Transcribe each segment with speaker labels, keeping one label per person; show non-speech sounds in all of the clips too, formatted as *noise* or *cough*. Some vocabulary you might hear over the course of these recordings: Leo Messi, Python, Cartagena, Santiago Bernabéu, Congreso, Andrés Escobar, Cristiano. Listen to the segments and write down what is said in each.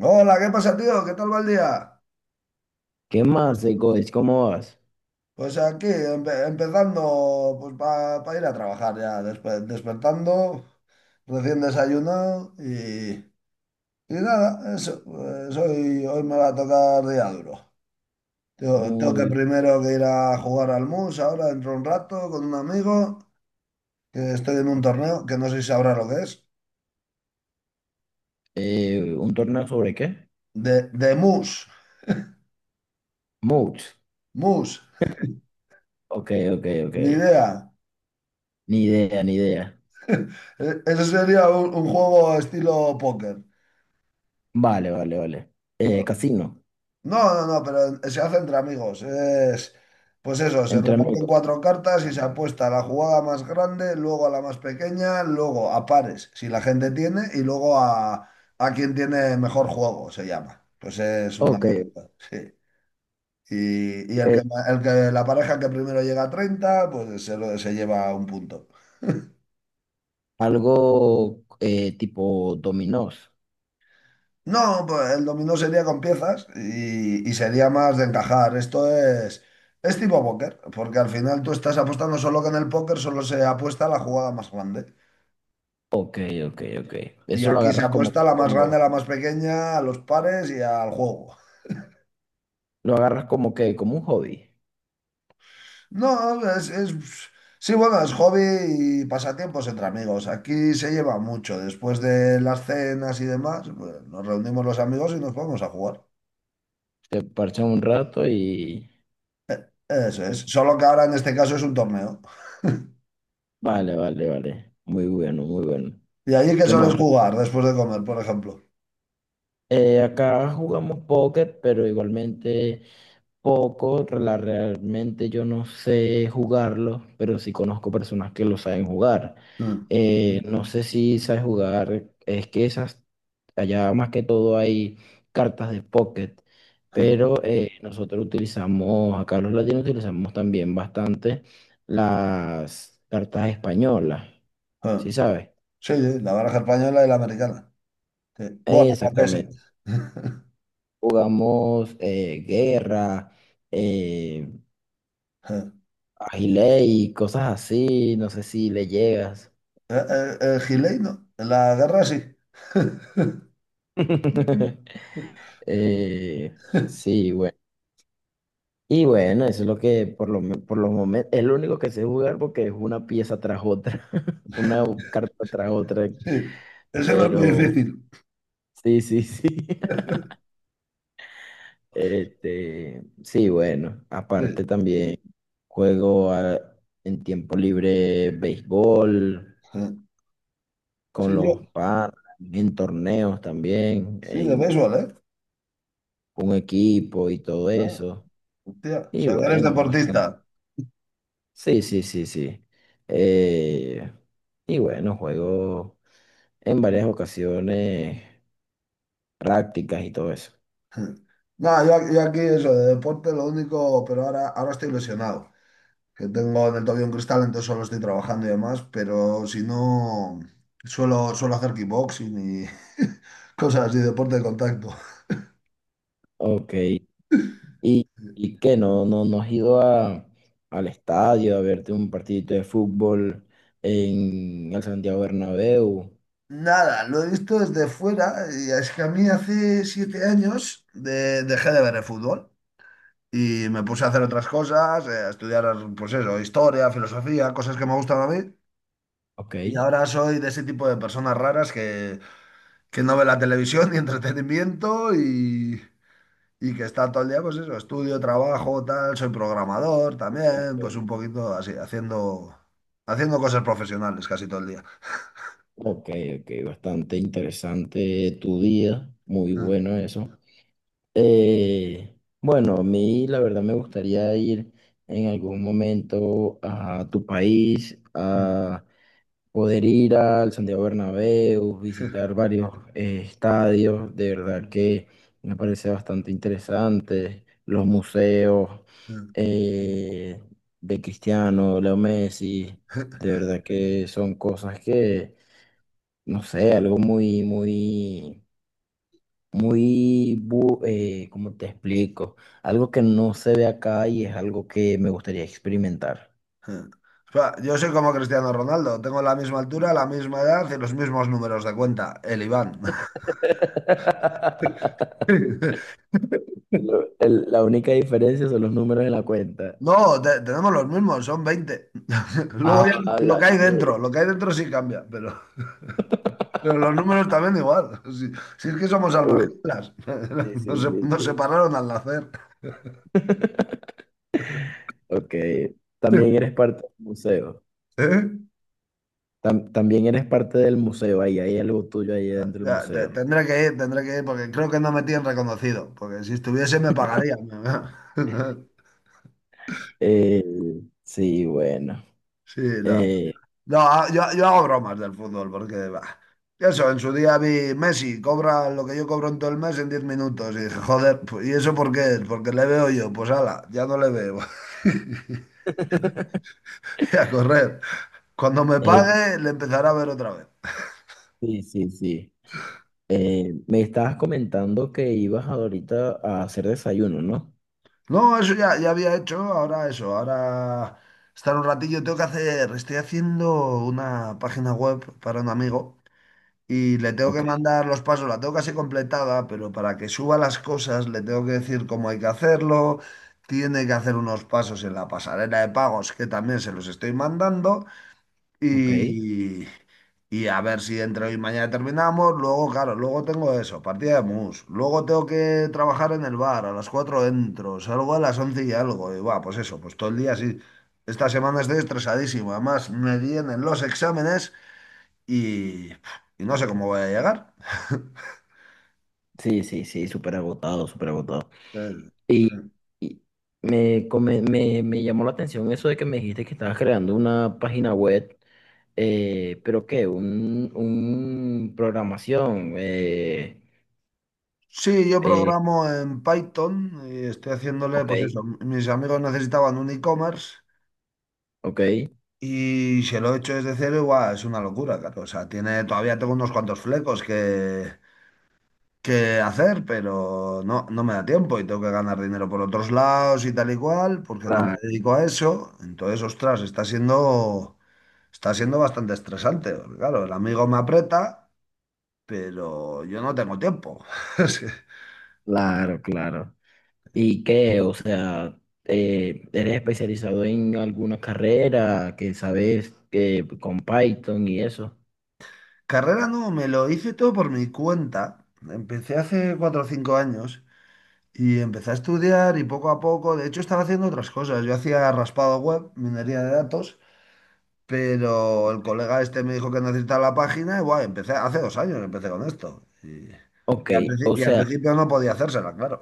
Speaker 1: Hola, ¿qué pasa, tío? ¿Qué tal va el día?
Speaker 2: ¿Qué más, Godes? ¿Cómo vas?
Speaker 1: Pues aquí, empezando pues para ir a trabajar ya, despertando, recién desayunado y nada, eso, pues hoy me va a tocar día duro. Tengo que
Speaker 2: Muy bien.
Speaker 1: primero que ir a jugar al mus ahora dentro de un rato con un amigo, que estoy en un
Speaker 2: Ok.
Speaker 1: torneo que no sé si sabrá lo que es,
Speaker 2: ¿Un torneo sobre qué?
Speaker 1: de mus,
Speaker 2: Moods.
Speaker 1: mus,
Speaker 2: Ok, ok, ok.
Speaker 1: ni idea.
Speaker 2: Ni idea, ni idea.
Speaker 1: *laughs* Eso sería un juego estilo póker.
Speaker 2: Vale, vale, vale.
Speaker 1: Bueno.
Speaker 2: Casino.
Speaker 1: No, no, no, pero se hace entre amigos. Es, pues eso, se
Speaker 2: Entre
Speaker 1: reparten
Speaker 2: amigos.
Speaker 1: cuatro cartas y se apuesta a la jugada más grande, luego a la más pequeña, luego a pares, si la gente tiene, y luego a quien tiene mejor juego, se llama. Pues es una
Speaker 2: Ok.
Speaker 1: disputa, sí. Y el
Speaker 2: eh,
Speaker 1: que, ma- el que, la pareja que primero llega a 30, pues se lleva un punto.
Speaker 2: Algo tipo dominós.
Speaker 1: No, pues el dominó sería con piezas y sería más de encajar. Esto es tipo póker, porque al final tú estás apostando solo que en el póker solo se apuesta a la jugada más grande.
Speaker 2: Ok, ok, ok.
Speaker 1: Y
Speaker 2: Eso lo
Speaker 1: aquí se
Speaker 2: agarras como
Speaker 1: apuesta a
Speaker 2: que,
Speaker 1: la más grande, a
Speaker 2: como,
Speaker 1: la más pequeña, a los pares y al juego.
Speaker 2: lo agarras como que, como un hobby.
Speaker 1: No, sí, bueno, es hobby y pasatiempos entre amigos. Aquí se lleva mucho. Después de las cenas y demás, pues, nos reunimos los amigos y nos vamos a jugar.
Speaker 2: Te parchas un rato y...
Speaker 1: Eso es. Solo que ahora en este caso es un torneo.
Speaker 2: Vale, vale, vale. Muy bueno, muy bueno.
Speaker 1: ¿Y allí qué
Speaker 2: ¿Qué
Speaker 1: sueles
Speaker 2: más?
Speaker 1: jugar después de comer, por ejemplo?
Speaker 2: Acá jugamos póker, pero igualmente poco. Realmente yo no sé jugarlo, pero sí conozco personas que lo saben jugar.
Speaker 1: Mm,
Speaker 2: No sé si sabes jugar, es que esas, allá más que todo hay cartas de pocket,
Speaker 1: mm,
Speaker 2: pero nosotros utilizamos, acá los latinos utilizamos también bastante las cartas españolas, ¿sí
Speaker 1: mm.
Speaker 2: sabes?
Speaker 1: Sí, sí, la baraja española y la americana. Sí. Bueno, la francesa.
Speaker 2: Exactamente.
Speaker 1: *laughs*
Speaker 2: Jugamos guerra, eh, agilé y cosas así. No sé si le llegas.
Speaker 1: El, Gilei no. En la guerra sí. *laughs*
Speaker 2: *laughs* Eh, sí, bueno. Y bueno, eso es lo que por lo, por los momentos es lo único que sé jugar porque es una pieza tras otra, *laughs* una carta tras otra.
Speaker 1: Sí, eso no es muy
Speaker 2: Pero
Speaker 1: difícil.
Speaker 2: sí, sí, sí. *laughs* Este, sí, bueno. Aparte
Speaker 1: Sí,
Speaker 2: también juego a- en tiempo libre béisbol,
Speaker 1: sí,
Speaker 2: con
Speaker 1: yo,
Speaker 2: los padres en torneos también,
Speaker 1: sí, de
Speaker 2: en
Speaker 1: béisbol, ¿eh?
Speaker 2: un equipo y todo
Speaker 1: Ah,
Speaker 2: eso.
Speaker 1: hostia, o
Speaker 2: Y
Speaker 1: sea, que eres
Speaker 2: bueno,
Speaker 1: deportista.
Speaker 2: bastante. Sí, sí, sí, sí. Eh, y bueno, juego en varias ocasiones prácticas y todo eso.
Speaker 1: *laughs* No, yo aquí eso, de deporte lo único, pero ahora estoy lesionado. Que tengo en el tobillo un cristal, entonces solo estoy trabajando y demás, pero si no, suelo hacer kickboxing y *laughs* cosas así, deporte de contacto.
Speaker 2: Ok. Y qué? ¿No has ido a, al estadio a verte un partidito de fútbol en el Santiago Bernabéu?
Speaker 1: Nada, lo he visto desde fuera y es que a mí hace 7 años dejé de ver el fútbol y me puse a hacer otras cosas, a estudiar, pues eso, historia, filosofía, cosas que me gustan a mí.
Speaker 2: Ok.
Speaker 1: Y ahora soy de ese tipo de personas raras que no ve la televisión *laughs* ni entretenimiento. Y que está todo el día, pues eso, estudio, trabajo, tal, soy programador
Speaker 2: Súper,
Speaker 1: también, pues
Speaker 2: pues.
Speaker 1: un poquito así, haciendo cosas profesionales casi todo el día.
Speaker 2: Ok, ok, bastante interesante tu día, muy bueno eso. Eh, bueno, a mí la verdad me gustaría ir en algún momento a tu país, a
Speaker 1: *laughs*
Speaker 2: poder ir al Santiago Bernabéu, visitar varios estadios, de verdad que me parece bastante interesante, los museos eh, de Cristiano, Leo Messi, de verdad que son cosas que no sé, algo muy, muy, muy, ¿cómo te explico? Algo que no se ve acá y es algo que me gustaría experimentar.
Speaker 1: O sea, yo soy como Cristiano Ronaldo, tengo la misma altura, la misma edad y los mismos números de cuenta, el Iván.
Speaker 2: *laughs*
Speaker 1: *laughs*
Speaker 2: La única diferencia son los números en la cuenta.
Speaker 1: No, tenemos los mismos, son 20. *laughs* Luego ya
Speaker 2: Ah,
Speaker 1: lo
Speaker 2: la
Speaker 1: que hay
Speaker 2: mierda.
Speaker 1: dentro, lo que hay dentro sí cambia, pero los números también igual. *laughs* Si, si es que somos almas
Speaker 2: Uf,
Speaker 1: gemelas.
Speaker 2: sí,
Speaker 1: *laughs* nos,
Speaker 2: sí,
Speaker 1: se-
Speaker 2: sí,
Speaker 1: nos
Speaker 2: sí.
Speaker 1: separaron al nacer.
Speaker 2: *laughs* Ok, también eres
Speaker 1: *laughs*
Speaker 2: parte del museo.
Speaker 1: ¿Eh?
Speaker 2: También eres parte del museo, ahí hay algo tuyo ahí dentro del
Speaker 1: Ya, te-
Speaker 2: museo.
Speaker 1: Tendré que ir, tendré que ir, porque creo que no me tienen reconocido, porque si estuviese me pagarían. *laughs*
Speaker 2: Eh, sí, bueno.
Speaker 1: Sí, no.
Speaker 2: Eh,
Speaker 1: No, yo hago bromas del fútbol, porque bah, eso, en su día vi Messi, cobra lo que yo cobro en todo el mes en 10 minutos, y dije, joder, pues, ¿y eso por qué es? Porque le veo yo, pues ala, ya no le veo. *laughs*
Speaker 2: *laughs*
Speaker 1: Y a correr. Cuando me
Speaker 2: eh,
Speaker 1: pague, le empezará a ver otra vez.
Speaker 2: sí, sí, sí. Me estabas comentando que ibas ahorita a hacer desayuno, ¿no?
Speaker 1: No, eso ya, ya había hecho, ahora eso, ahora estar un ratillo, tengo que hacer, estoy haciendo una página web para un amigo y le tengo
Speaker 2: Ok,
Speaker 1: que mandar los pasos, la tengo casi completada, pero para que suba las cosas le tengo que decir cómo hay que hacerlo, tiene que hacer unos pasos en la pasarela de pagos que también se los estoy mandando
Speaker 2: ok.
Speaker 1: y, y a ver si entre hoy y mañana terminamos. Luego, claro, luego tengo eso, partida de mus. Luego tengo que trabajar en el bar, a las 4 entro, salgo a las 11 y algo. Y va, pues eso, pues todo el día así. Esta semana estoy estresadísimo. Además, me vienen los exámenes y, y no sé cómo voy a llegar. *laughs*
Speaker 2: Sí, sí, sí, súper agotado, súper agotado.
Speaker 1: Eh,
Speaker 2: Y, y me llamó la atención eso de que me dijiste que estabas creando una página web, pero ¿qué? Un programación.
Speaker 1: Sí, yo
Speaker 2: Eh,
Speaker 1: programo en Python y estoy haciéndole,
Speaker 2: ok,
Speaker 1: pues eso, mis amigos necesitaban un e-commerce.
Speaker 2: ok.
Speaker 1: Y si lo he hecho desde cero, igual es una locura, claro. O sea, tiene, todavía tengo unos cuantos flecos que hacer, pero no, no me da tiempo y tengo que ganar dinero por otros lados y tal y cual, porque no me
Speaker 2: Claro,
Speaker 1: dedico a eso. Entonces, ostras, está siendo bastante estresante. Porque, claro, el amigo me aprieta, pero yo no tengo tiempo. *laughs* Es que-
Speaker 2: claro, claro. ¿Y qué? O sea, ¿eres especializado en alguna carrera que sabes que con Python y eso?
Speaker 1: Carrera no, me lo hice todo por mi cuenta. Empecé hace 4 o 5 años. Y empecé a estudiar y poco a poco, de hecho estaba haciendo otras cosas. Yo hacía raspado web, minería de datos, pero el colega este me dijo que necesitaba la página y guay, empecé, hace 2 años empecé con esto. Y,
Speaker 2: Ok,
Speaker 1: y al, princi-
Speaker 2: o
Speaker 1: y al
Speaker 2: sea,
Speaker 1: principio no podía hacérsela, claro.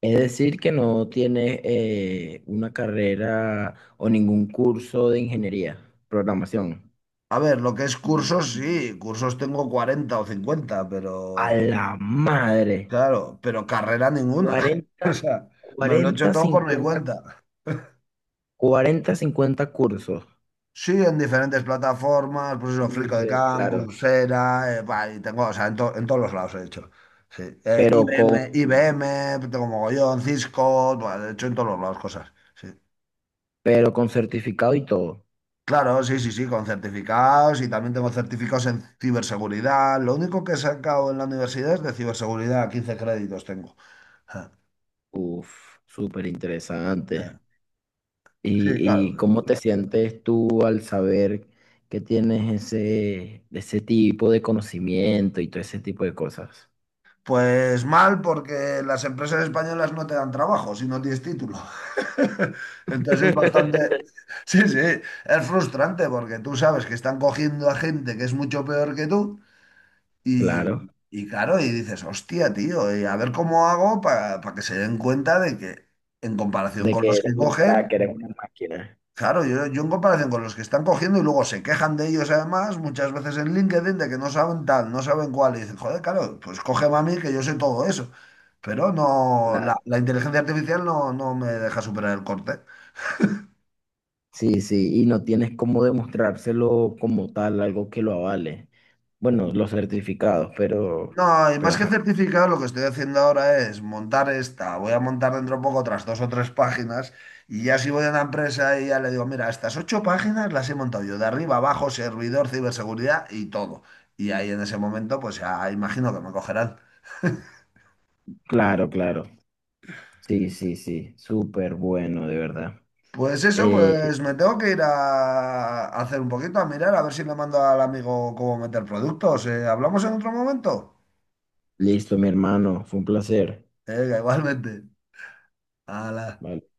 Speaker 2: es decir que no tienes una carrera o ningún curso de ingeniería, programación.
Speaker 1: A ver, lo que es cursos, sí, cursos tengo 40 o 50 pero
Speaker 2: A la madre,
Speaker 1: claro, pero carrera ninguna. *laughs* O
Speaker 2: 40,
Speaker 1: sea, me lo he hecho
Speaker 2: 40,
Speaker 1: todo por mi
Speaker 2: 50,
Speaker 1: cuenta.
Speaker 2: 40, 50 cursos.
Speaker 1: Sí, en diferentes plataformas, pues eso, Free.com,
Speaker 2: Claro,
Speaker 1: Coursera, bah, y tengo, o sea, en todos los lados he hecho. Sí.
Speaker 2: pero con,
Speaker 1: IBM, IBM, tengo mogollón, Cisco, bah, he hecho en todos los lados cosas. Sí.
Speaker 2: pero con certificado y todo.
Speaker 1: Claro, sí, sí, sí, con certificados y también tengo certificados en ciberseguridad. Lo único que he sacado en la universidad es de ciberseguridad, 15 créditos tengo. Ja,
Speaker 2: Uf, súper interesante.
Speaker 1: ja. Sí, claro.
Speaker 2: Y
Speaker 1: ¿No?
Speaker 2: cómo te sientes tú al saber que tienes ese, ese tipo de conocimiento y todo ese tipo de cosas?
Speaker 1: Pues mal, porque las empresas españolas no te dan trabajo si no tienes título. *laughs* Entonces es
Speaker 2: *laughs*
Speaker 1: bastante... Sí, sí, es frustrante porque tú sabes que están cogiendo a gente que es mucho peor que tú
Speaker 2: Claro,
Speaker 1: y claro, y dices, hostia, tío, y a ver cómo hago para que se den cuenta de que en comparación
Speaker 2: de
Speaker 1: con
Speaker 2: que
Speaker 1: los
Speaker 2: eres
Speaker 1: que
Speaker 2: un crack,
Speaker 1: cogen.
Speaker 2: eres una máquina.
Speaker 1: Claro, yo en comparación con los que están cogiendo y luego se quejan de ellos además, muchas veces en LinkedIn, de que no saben tal, no saben cuál, y dicen, joder, claro, pues cógeme a mí que yo sé todo eso. Pero no, la,
Speaker 2: Claro.
Speaker 1: la inteligencia artificial no, no me deja superar el corte.
Speaker 2: Sí, sí, y no tienes cómo demostrárselo como tal, algo que lo avale. Bueno, los certificados,
Speaker 1: No, y
Speaker 2: pero
Speaker 1: más que
Speaker 2: ajá.
Speaker 1: certificado, lo que estoy haciendo ahora es montar esta, voy a montar dentro de poco otras dos o tres páginas, y ya si voy a una empresa y ya le digo, mira, estas ocho páginas las he montado yo, de arriba abajo, servidor, ciberseguridad y todo. Y ahí en ese momento, pues ya imagino que me cogerán.
Speaker 2: Claro, claro. Sí, sí, sí, súper bueno, de verdad.
Speaker 1: Pues eso,
Speaker 2: Eh,
Speaker 1: pues me tengo que ir a hacer un poquito, a mirar, a ver si le mando al amigo cómo meter productos. ¿Hablamos en otro momento?
Speaker 2: listo, mi hermano, fue un placer.
Speaker 1: Venga, igualmente. Hala.
Speaker 2: Vale.